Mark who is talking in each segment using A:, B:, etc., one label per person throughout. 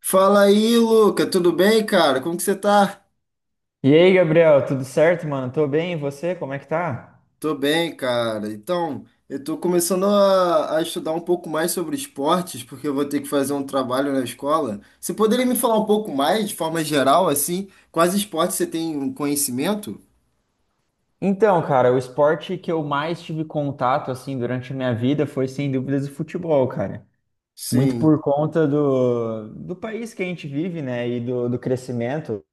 A: Fala aí, Luca, tudo bem, cara? Como que você tá?
B: E aí, Gabriel, tudo certo, mano? Tô bem, e você? Como é que tá?
A: Tô bem, cara. Então, eu tô começando a estudar um pouco mais sobre esportes, porque eu vou ter que fazer um trabalho na escola. Você poderia me falar um pouco mais, de forma geral, assim, quais esportes você tem um conhecimento?
B: Então, cara, o esporte que eu mais tive contato, assim, durante a minha vida foi, sem dúvidas, o futebol, cara. Muito por
A: Sim,
B: conta do país que a gente vive, né, e do crescimento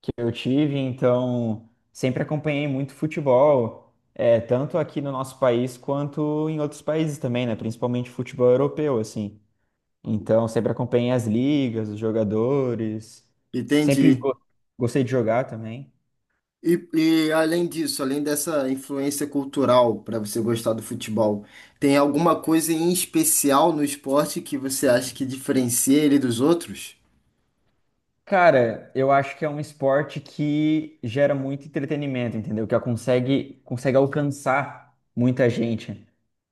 B: que eu tive, então sempre acompanhei muito futebol, tanto aqui no nosso país quanto em outros países também, né, principalmente futebol europeu, assim. Então, sempre acompanhei as ligas, os jogadores. Sempre
A: entendi.
B: go- gostei de jogar também.
A: E, e além disso, além dessa influência cultural para você gostar do futebol, tem alguma coisa em especial no esporte que você acha que diferencia ele dos outros?
B: Cara, eu acho que é um esporte que gera muito entretenimento, entendeu? Que consegue alcançar muita gente.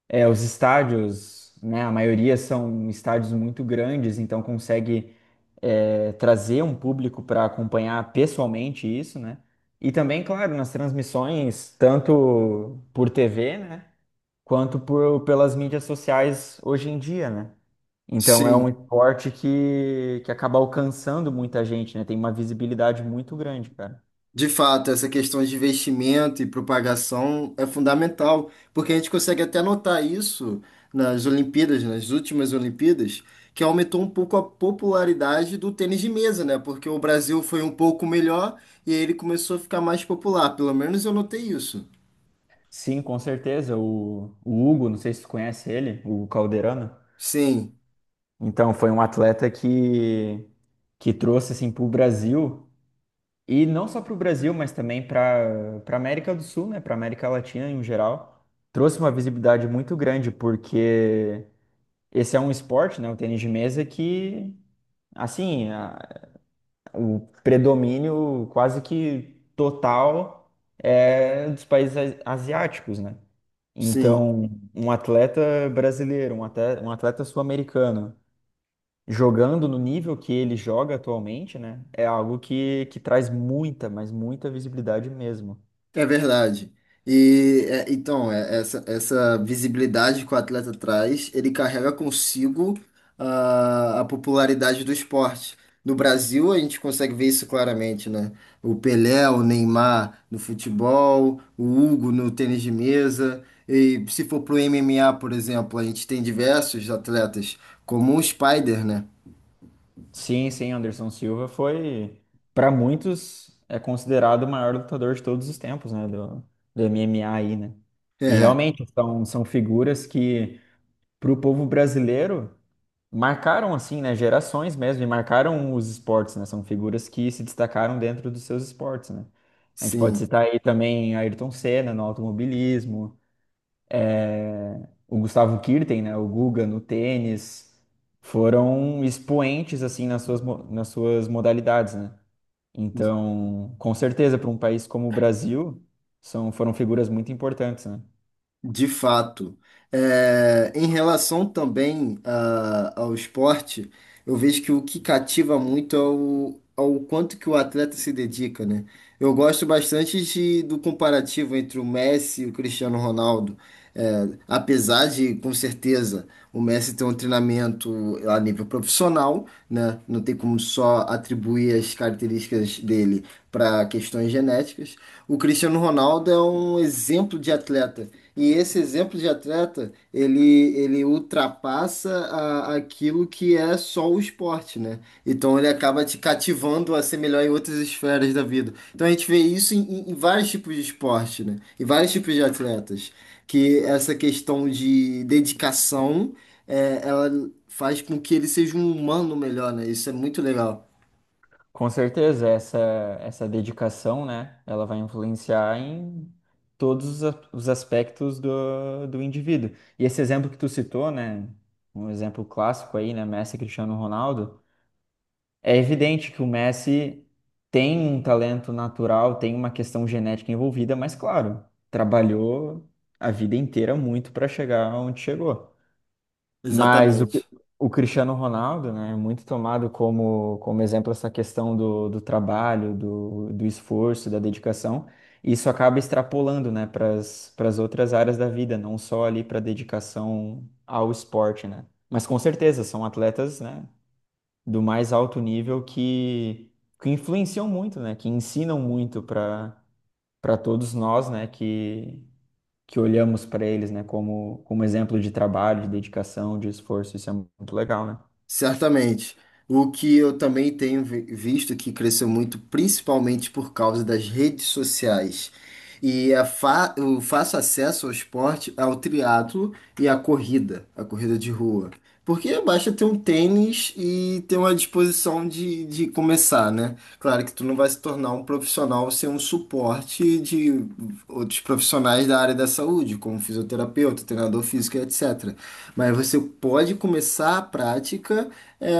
B: É, os estádios, né? A maioria são estádios muito grandes, então consegue trazer um público para acompanhar pessoalmente isso, né? E também, claro, nas transmissões, tanto por TV, né? Quanto pelas mídias sociais hoje em dia, né? Então é um
A: Sim.
B: esporte que acaba alcançando muita gente, né? Tem uma visibilidade muito grande, cara.
A: De fato, essa questão de investimento e propagação é fundamental, porque a gente consegue até notar isso nas Olimpíadas, nas últimas Olimpíadas, que aumentou um pouco a popularidade do tênis de mesa, né? Porque o Brasil foi um pouco melhor e aí ele começou a ficar mais popular. Pelo menos eu notei isso.
B: Sim, com certeza. O Hugo, não sei se tu conhece ele, o Hugo Calderano.
A: Sim,
B: Então foi um atleta que trouxe assim para o Brasil, e não só para o Brasil, mas também para América do Sul, né? Para América Latina em geral, trouxe uma visibilidade muito grande porque esse é um esporte, né? O tênis de mesa que Assim, a- o predomínio quase que total é dos países asiáticos, né?
A: sim.
B: Então, um atleta brasileiro, um atleta sul-americano, jogando no nível que ele joga atualmente, né? É algo que traz muita, mas muita visibilidade mesmo.
A: É verdade. E é, então, é, essa visibilidade que o atleta traz, ele carrega consigo a popularidade do esporte. No Brasil, a gente consegue ver isso claramente, né? O Pelé, o Neymar no futebol, o Hugo no tênis de mesa. E se for pro MMA, por exemplo, a gente tem diversos atletas, como o Spider, né?
B: Sim, sim, Anderson Silva foi, para muitos, é considerado o maior lutador de todos os tempos, né? Do MMA aí, né? E
A: É,
B: realmente são figuras que, para o povo brasileiro, marcaram assim, né, gerações mesmo, e marcaram os esportes, né? São figuras que se destacaram dentro dos seus esportes, né? A gente pode
A: sim.
B: citar aí também Ayrton Senna no automobilismo, o Gustavo Kuerten, né, o Guga no tênis, foram expoentes assim nas suas modalidades, né? Então, com certeza, para um país como o Brasil, foram figuras muito importantes, né?
A: De fato. É, em relação também ao esporte, eu vejo que o que cativa muito é o, ao quanto que o atleta se dedica, né? Eu gosto bastante do comparativo entre o Messi e o Cristiano Ronaldo. É, apesar de, com certeza, o Messi ter um treinamento a nível profissional, né? Não tem como só atribuir as características dele para questões genéticas. O Cristiano Ronaldo é um exemplo de atleta e esse exemplo de atleta, ele ultrapassa aquilo que é só o esporte, né? Então ele acaba te cativando a ser melhor em outras esferas da vida. Então a gente vê isso em vários tipos de esporte, né? Em vários tipos de atletas. Que essa questão de dedicação, é, ela faz com que ele seja um humano melhor, né? Isso é muito legal.
B: Com certeza, essa dedicação, né, ela vai influenciar em todos os os aspectos do indivíduo. E esse exemplo que tu citou, né, um exemplo clássico aí, né, Messi e Cristiano Ronaldo, é evidente que o Messi tem um talento natural, tem uma questão genética envolvida, mas claro, trabalhou a vida inteira muito para chegar onde chegou. Mas o, Cri-
A: Exatamente.
B: o Cristiano Ronaldo, né, é muito tomado como exemplo essa questão do trabalho, do esforço, da dedicação. E isso acaba extrapolando, né, para as outras áreas da vida, não só ali para dedicação ao esporte, né? Mas com certeza são atletas, né, do mais alto nível que influenciam muito, né, que ensinam muito para todos nós, né, que olhamos para eles, né, como exemplo de trabalho, de dedicação, de esforço. Isso é muito legal, né?
A: Certamente. O que eu também tenho visto que cresceu muito, principalmente por causa das redes sociais. E a fa o fácil acesso ao esporte, ao triatlo e à corrida, a corrida de rua. Porque basta ter um tênis e ter uma disposição de começar, né? Claro que tu não vai se tornar um profissional sem um suporte de outros profissionais da área da saúde, como fisioterapeuta, treinador físico, etc. Mas você pode começar a prática é,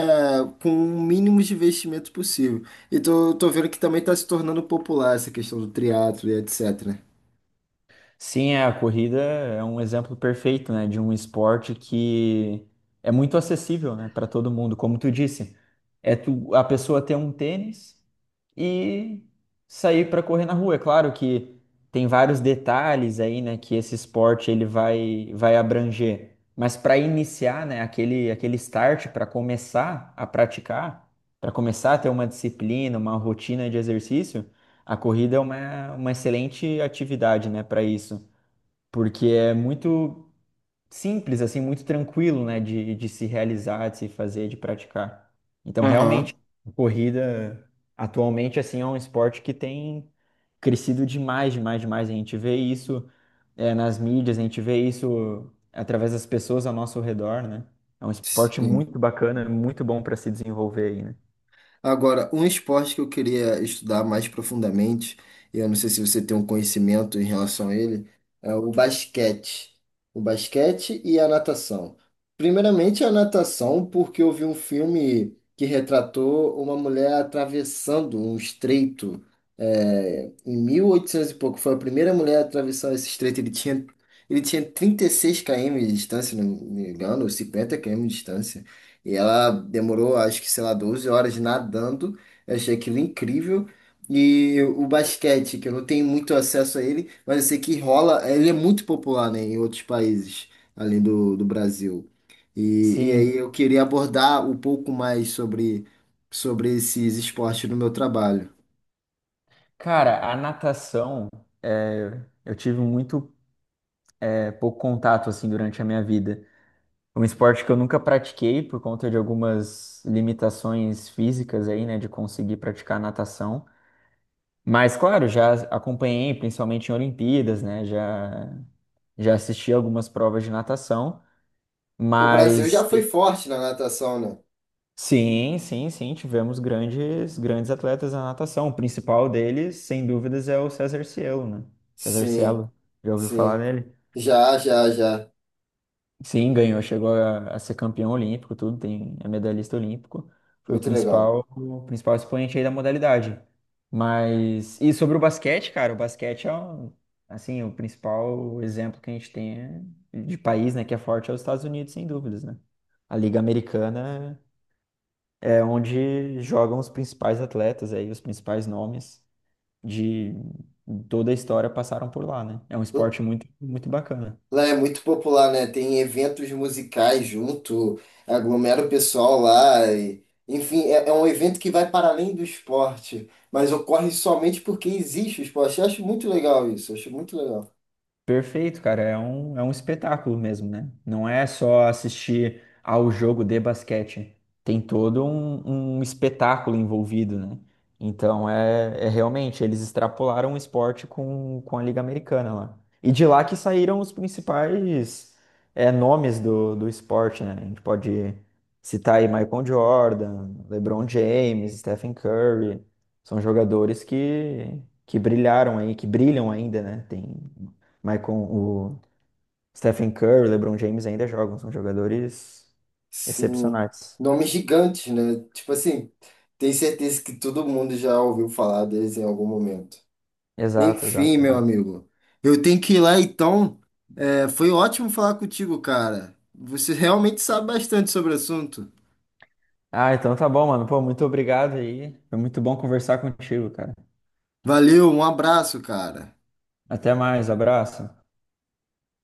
A: com o mínimo de investimento possível. E tô vendo que também está se tornando popular essa questão do triatlo e etc. né?
B: Sim, é, a corrida é um exemplo perfeito, né, de um esporte que é muito acessível, né, para todo mundo, como tu disse. É tu, a pessoa ter um tênis e sair para correr na rua. É claro que tem vários detalhes aí, né, que esse esporte ele vai abranger. Mas para iniciar, né, aquele start para começar a praticar, para começar a ter uma disciplina, uma rotina de exercício, a corrida é uma excelente atividade, né, para isso, porque é muito simples, assim, muito tranquilo, né, de se realizar, de se fazer, de praticar. Então,
A: Aham.
B: realmente, a corrida atualmente, assim, é um esporte que tem crescido demais, demais, demais. A gente vê isso, nas mídias, a gente vê isso através das pessoas ao nosso redor, né? É um esporte
A: Sim.
B: muito bacana, muito bom para se desenvolver aí, né?
A: Agora, um esporte que eu queria estudar mais profundamente, e eu não sei se você tem um conhecimento em relação a ele, é o basquete. O basquete e a natação. Primeiramente, a natação, porque eu vi um filme que retratou uma mulher atravessando um estreito, é, em 1800 e oitocentos e pouco. Foi a primeira mulher a atravessar esse estreito. Ele tinha 36 km de distância, se não me engano, ou 50 km de distância. E ela demorou, acho que, sei lá, 12 horas nadando. Eu achei aquilo incrível. E o basquete, que eu não tenho muito acesso a ele, mas eu sei que rola, ele é muito popular, né, em outros países, além do Brasil. E aí
B: Sim,
A: eu queria abordar um pouco mais sobre, sobre esses esportes no meu trabalho.
B: cara, a natação, eh, eu tive muito, eh, pouco contato, assim, durante a minha vida. Um esporte que eu nunca pratiquei por conta de algumas limitações físicas aí, né, de conseguir praticar natação. Mas, claro, já acompanhei, principalmente em Olimpíadas, já assisti algumas provas de natação,
A: O Brasil já
B: mas
A: foi
B: tem-
A: forte na natação, né?
B: sim, sim, sim, tivemos grandes, grandes atletas na natação. O principal deles, sem dúvidas, é o César Cielo, né? César
A: Sim,
B: Cielo, já ouviu falar
A: sim.
B: dele?
A: Já, já, já.
B: Sim, ganhou, chegou a ser campeão olímpico, tudo, tem, é medalhista olímpico. Foi
A: Muito legal.
B: o principal expoente aí da modalidade. Mas, e sobre o basquete, cara, o basquete é, um- assim, o principal exemplo que a gente tem de país, né, que é forte é os Estados Unidos, sem dúvidas, né? A Liga Americana é onde jogam os principais atletas aí, os principais nomes de toda a história passaram por lá, né? É um esporte muito, muito bacana.
A: Lá é muito popular, né? Tem eventos musicais junto, aglomera o pessoal lá. E- enfim, é, é um evento que vai para além do esporte, mas ocorre somente porque existe o esporte. Eu acho muito legal isso, eu acho muito legal.
B: Perfeito, cara. É um espetáculo mesmo, né? Não é só assistir ao jogo de basquete. Tem todo um espetáculo envolvido, né? Então, é, é realmente, eles extrapolaram o esporte com a Liga Americana lá. E de lá que saíram os principais nomes do esporte, né? A gente pode citar aí Michael Jordan, LeBron James, Stephen Curry. São jogadores que brilharam aí, que brilham ainda, né? Tem mas com o Stephen Curry, o LeBron James ainda jogam, são jogadores
A: Sim,
B: excepcionais.
A: nomes gigantes, né? Tipo assim, tenho certeza que todo mundo já ouviu falar deles em algum momento.
B: Exato, exato,
A: Enfim, meu
B: exato.
A: amigo, eu tenho que ir lá então. É, foi ótimo falar contigo, cara. Você realmente sabe bastante sobre o assunto.
B: Ah, então tá bom, mano. Pô, muito obrigado aí. Foi muito bom conversar contigo, cara.
A: Valeu, um abraço, cara.
B: Até mais, abraço.